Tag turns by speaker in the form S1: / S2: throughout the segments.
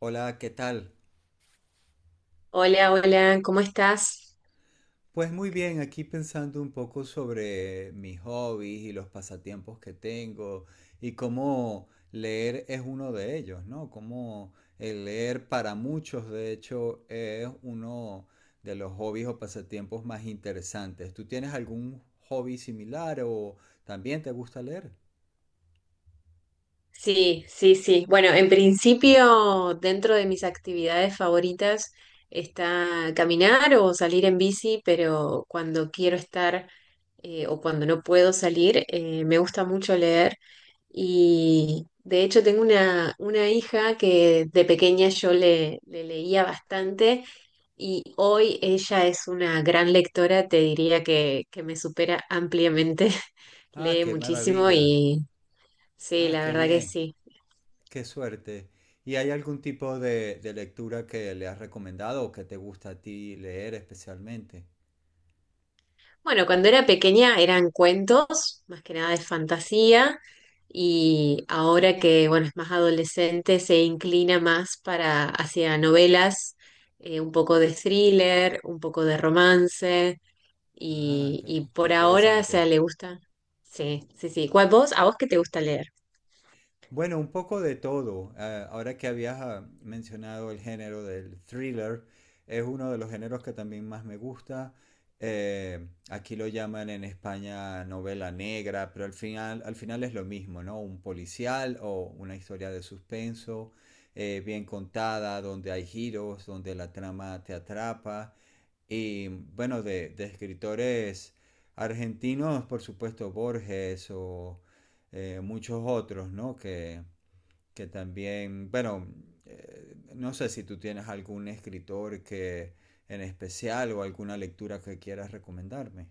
S1: Hola, ¿qué tal?
S2: Hola, hola, ¿cómo estás?
S1: Pues muy bien, aquí pensando un poco sobre mis hobbies y los pasatiempos que tengo y cómo leer es uno de ellos, ¿no? Cómo el leer para muchos, de hecho, es uno de los hobbies o pasatiempos más interesantes. ¿Tú tienes algún hobby similar o también te gusta leer?
S2: Sí, sí, sí. Bueno, en principio, dentro de mis actividades favoritas está caminar o salir en bici, pero cuando quiero estar o cuando no puedo salir, me gusta mucho leer. Y de hecho tengo una hija que de pequeña yo le leía bastante y hoy ella es una gran lectora, te diría que me supera ampliamente,
S1: Ah,
S2: lee
S1: qué
S2: muchísimo
S1: maravilla.
S2: y sí,
S1: Ah,
S2: la
S1: qué
S2: verdad que
S1: bien.
S2: sí.
S1: Qué suerte. ¿Y hay algún tipo de lectura que le has recomendado o que te gusta a ti leer especialmente?
S2: Bueno, cuando era pequeña eran cuentos, más que nada de fantasía, y ahora que, bueno, es más adolescente, se inclina más para hacia novelas, un poco de thriller, un poco de romance,
S1: Ah,
S2: y,
S1: qué,
S2: y
S1: qué
S2: por ahora, o sea,
S1: interesante.
S2: le gusta. Sí, sí, sí. ¿Cuál vos? ¿A vos qué te gusta leer?
S1: Bueno, un poco de todo. Ah, ahora que habías mencionado el género del thriller, es uno de los géneros que también más me gusta. Eh, Aquí lo llaman en España novela negra, pero al final es lo mismo, ¿no? Un policial o una historia de suspenso, bien contada, donde hay giros, donde la trama te atrapa y bueno, de escritores argentinos, por supuesto, Borges o muchos otros, ¿no? Que también, bueno, no sé si tú tienes algún escritor que en especial o alguna lectura que quieras recomendarme.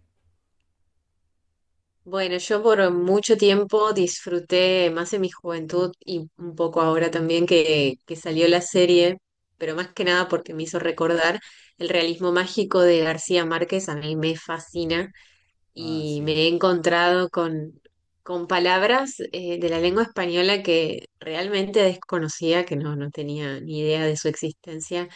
S2: Bueno, yo por mucho tiempo disfruté, más en mi juventud y un poco ahora también que salió la serie, pero más que nada porque me hizo recordar el realismo mágico de García Márquez, a mí me fascina
S1: Ah,
S2: y me
S1: sí.
S2: he encontrado con palabras de la lengua española que realmente desconocía, que no tenía ni idea de su existencia.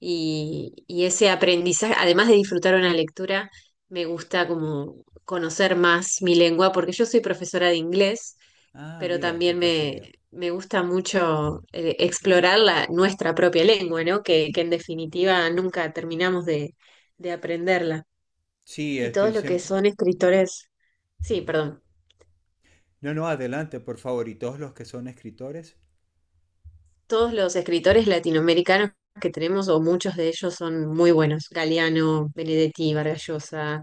S2: Y ese aprendizaje, además de disfrutar una lectura, me gusta como conocer más mi lengua, porque yo soy profesora de inglés,
S1: Ah,
S2: pero
S1: mira, qué
S2: también
S1: casualidad.
S2: me gusta mucho explorar la, nuestra propia lengua, ¿no? Que en definitiva nunca terminamos de aprenderla.
S1: Sí,
S2: Y
S1: estoy
S2: todos lo que
S1: siempre...
S2: son escritores. Sí,
S1: Ujú.
S2: perdón.
S1: No, no, adelante, por favor. ¿Y todos los que son escritores?
S2: Todos los escritores latinoamericanos que tenemos, o muchos de ellos, son muy buenos. Galeano, Benedetti, Vargas Llosa,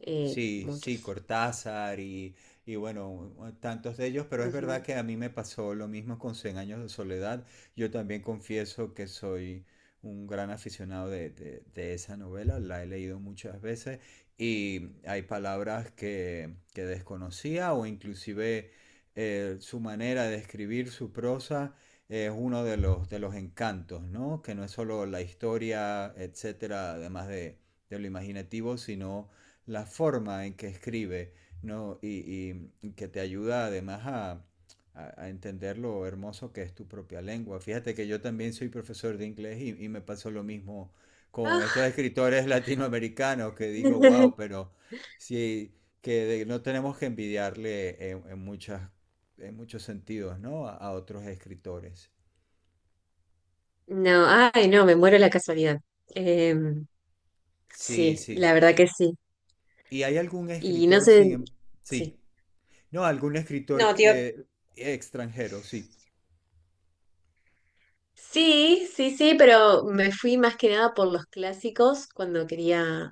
S1: Sí, sí,
S2: muchos.
S1: Cortázar y bueno, tantos de ellos, pero es verdad
S2: Ujú.
S1: que a mí me pasó lo mismo con Cien años de soledad. Yo también confieso que soy un gran aficionado de esa novela, la he leído muchas veces y hay palabras que desconocía o inclusive su manera de escribir su prosa es uno de los encantos, ¿no? Que no es solo la historia, etcétera, además de lo imaginativo, sino la forma en que escribe, ¿no? Y que te ayuda además a entender lo hermoso que es tu propia lengua. Fíjate que yo también soy profesor de inglés y me pasó lo mismo con estos
S2: Ah,
S1: escritores latinoamericanos que digo, wow, pero sí, que de- no tenemos que envidiarle en muchas, en muchos sentidos, ¿no? A otros escritores.
S2: no, ay, no, me muero la casualidad. Eh,
S1: Sí,
S2: sí,
S1: sí.
S2: la verdad que sí.
S1: ¿Y hay algún
S2: Y no
S1: escritor
S2: sé,
S1: sin...
S2: sí.
S1: Sí. No, algún escritor
S2: No, tío.
S1: extranjero, sí.
S2: Sí, sí, sí, pero me fui más que nada por los clásicos cuando quería.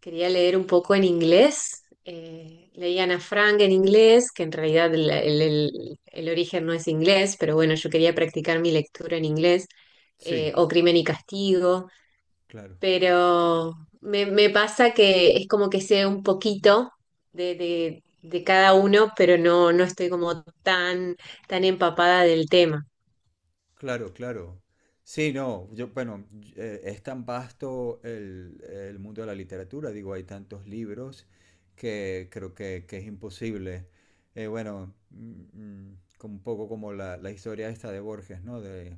S2: Quería leer un poco en inglés. Leí Ana Frank en inglés, que en realidad el origen no es inglés, pero bueno, yo quería practicar mi lectura en inglés,
S1: Sí,
S2: o Crimen y Castigo,
S1: claro,
S2: pero me pasa que es como que sé un poquito de, de cada uno, pero no estoy como tan empapada del tema.
S1: claro, claro. Sí, no, yo, bueno, es tan vasto el mundo de la literatura, digo, hay tantos libros que creo que es imposible. Bueno, como un poco como la historia esta de Borges, ¿no?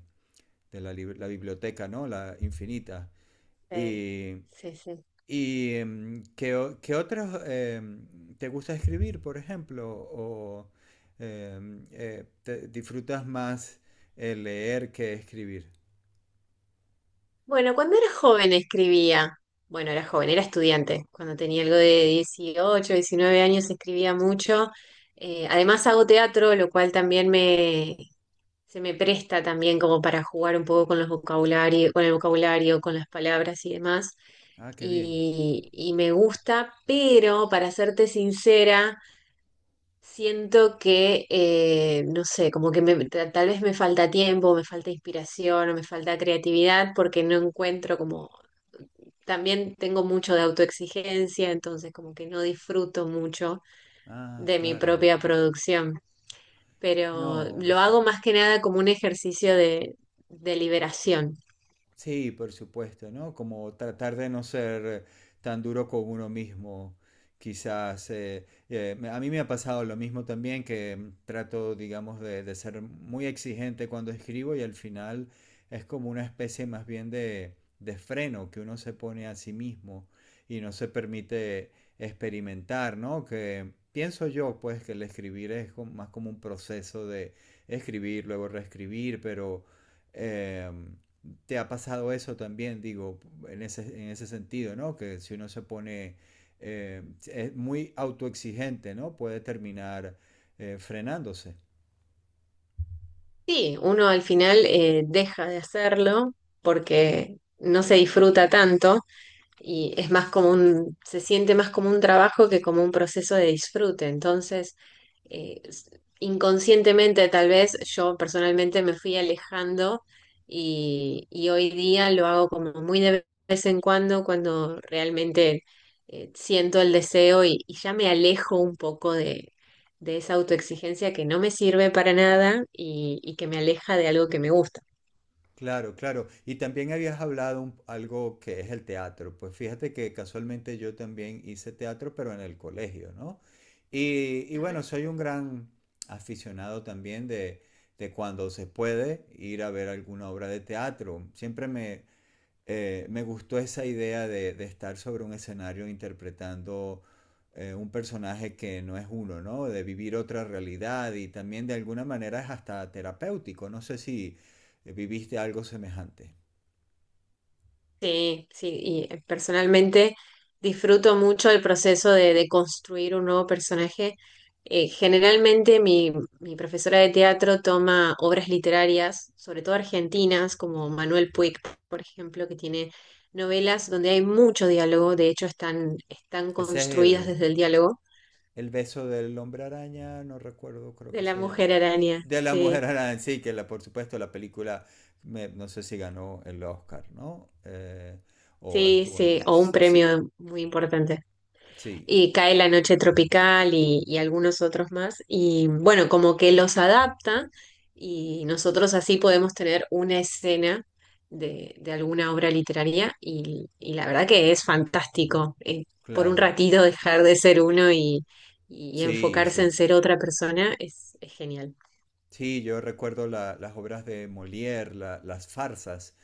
S1: De la, la biblioteca, ¿no? La infinita.
S2: Sí, sí, sí.
S1: ¿Y qué, qué otros te gusta escribir, por ejemplo? ¿O disfrutas más leer que escribir?
S2: Bueno, cuando era joven escribía. Bueno, era joven, era estudiante. Cuando tenía algo de 18, 19 años escribía mucho. Además hago teatro, lo cual también me, se me presta también como para jugar un poco con los vocabulario, con el vocabulario, con las palabras y demás.
S1: Ah, qué bien.
S2: Y me gusta, pero para serte sincera, siento que, no sé, como que tal vez me falta tiempo, me falta inspiración o me falta creatividad porque no encuentro como también tengo mucho de autoexigencia, entonces como que no disfruto mucho
S1: Ah,
S2: de mi
S1: claro.
S2: propia producción, pero
S1: No.
S2: lo hago más que nada como un ejercicio de liberación.
S1: Sí, por supuesto, ¿no? Como tratar de no ser tan duro con uno mismo, quizás. A mí me ha pasado lo mismo también, que trato, digamos, de ser muy exigente cuando escribo y al final es como una especie más bien de freno que uno se pone a sí mismo y no se permite experimentar, ¿no? Que pienso yo, pues, que el escribir es como- más como un proceso de escribir, luego reescribir, pero... em, te ha pasado eso también, digo, en ese sentido, ¿no? Que si uno se pone es muy autoexigente, ¿no? Puede terminar frenándose.
S2: Sí, uno al final deja de hacerlo porque no se disfruta tanto. Y es más como un, se siente más como un trabajo que como un proceso de disfrute. Entonces, eh, s- inconscientemente tal vez yo personalmente me fui alejando y hoy día lo hago como muy de vez en cuando cuando realmente siento el deseo y ya me alejo un poco de esa autoexigencia que no me sirve para nada y que me aleja de algo que me gusta.
S1: Claro, claro. Y también habías hablado algo que es el teatro. Pues fíjate que casualmente yo también hice teatro, pero en el colegio, ¿no? Y bueno, soy un gran aficionado también de cuando se puede ir a ver alguna obra de teatro. Siempre me, me gustó esa idea de estar sobre un escenario interpretando un personaje que no es uno, ¿no? De vivir otra realidad y también de alguna manera es hasta terapéutico. No sé si viviste algo semejante.
S2: Sí, sí, y personalmente disfruto mucho el proceso de construir un nuevo personaje. Generalmente mi, mi profesora de teatro toma obras literarias, sobre todo argentinas, como Manuel Puig, por ejemplo, que tiene novelas donde hay mucho diálogo, de hecho están
S1: Ese es
S2: construidas desde el diálogo
S1: el beso del hombre araña, no recuerdo, creo
S2: de
S1: que
S2: la
S1: se llama.
S2: mujer araña,
S1: De la mujer
S2: sí,
S1: araña, sí, que la, por supuesto la película, me, no sé si ganó el Oscar, ¿no? O
S2: sí,
S1: estuvo, no,
S2: sí, o un
S1: sí,
S2: premio muy importante.
S1: sí,
S2: Y Cae la Noche Tropical y algunos otros más. Y bueno, como que los adapta y nosotros así podemos tener una escena de alguna obra literaria y la verdad que es fantástico, por un
S1: claro.
S2: ratito dejar de ser uno y
S1: Sí,
S2: enfocarse en
S1: sí.
S2: ser otra persona es genial.
S1: Sí, yo recuerdo la- las obras de Molière, la- las farsas,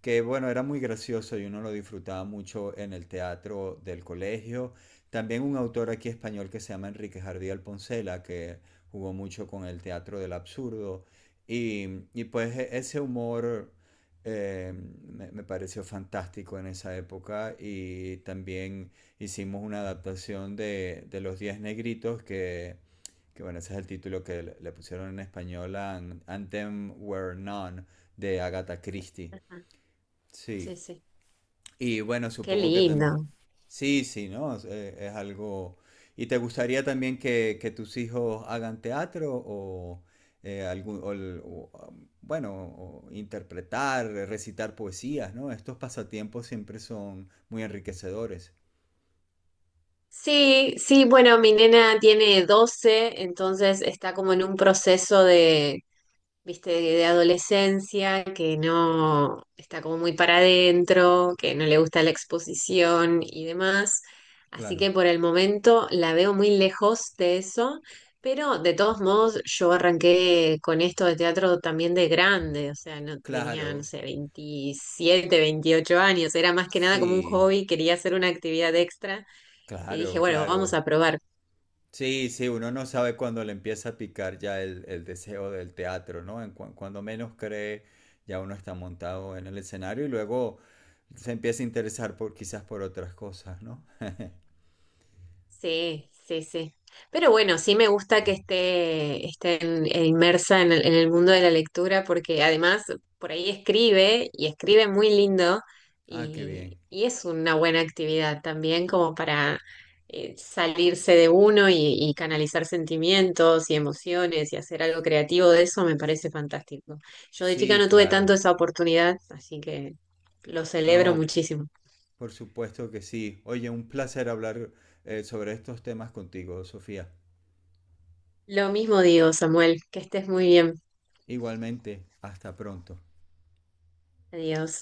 S1: que bueno, era muy gracioso y uno lo disfrutaba mucho en el teatro del colegio. También un autor aquí español que se llama Enrique Jardí Alponcela, que jugó mucho con el teatro del absurdo. Y, y, pues ese humor eh, me, me pareció fantástico en esa época. Y también hicimos una adaptación de Los Diez Negritos que bueno, ese es el título que le pusieron en español a Anthem Were None de Agatha Christie.
S2: Ajá, sí,
S1: Sí.
S2: sí.
S1: Y bueno,
S2: Qué
S1: supongo que
S2: lindo.
S1: también... Sí, sí, ¿no? Es algo... ¿Y te gustaría también que tus hijos hagan teatro o algún, o el- o, um, bueno, o interpretar, recitar poesías, ¿no? Estos pasatiempos siempre son muy enriquecedores.
S2: Sí, sí, bueno, mi nena tiene 12 entonces está como en un proceso de viste, de adolescencia, que no está como muy para adentro, que no le gusta la exposición y demás. Así
S1: Claro,
S2: que por el momento la veo muy lejos de eso, pero de todos modos yo arranqué con esto de teatro también de grande, o sea, no tenía,
S1: claro,
S2: no sé, 27, 28 años, era más que nada como un
S1: sí,
S2: hobby, quería hacer una actividad extra y dije,
S1: claro,
S2: bueno, vamos
S1: claro.
S2: a probar.
S1: Sí, sí, uno no sabe cuándo le empieza a picar ya el deseo del teatro, ¿no? En cuando menos cree, ya uno está montado en el escenario y luego se empieza a interesar por quizás por otras cosas, ¿no?
S2: Sí, sí, sí. Pero bueno, sí me gusta que esté en- e inmersa en el mundo de la lectura porque además por ahí escribe y escribe muy lindo
S1: Ah, qué bien.
S2: y es una buena actividad también como para salirse de uno y canalizar sentimientos y emociones y hacer algo creativo de eso me parece fantástico. Yo de chica
S1: Sí,
S2: no tuve
S1: claro.
S2: tanto esa oportunidad, así que lo celebro
S1: No,
S2: muchísimo.
S1: por supuesto que sí. Oye, un placer hablar sobre estos temas contigo, Sofía.
S2: Lo mismo digo, Samuel, que estés muy bien.
S1: Igualmente, hasta pronto.
S2: Adiós.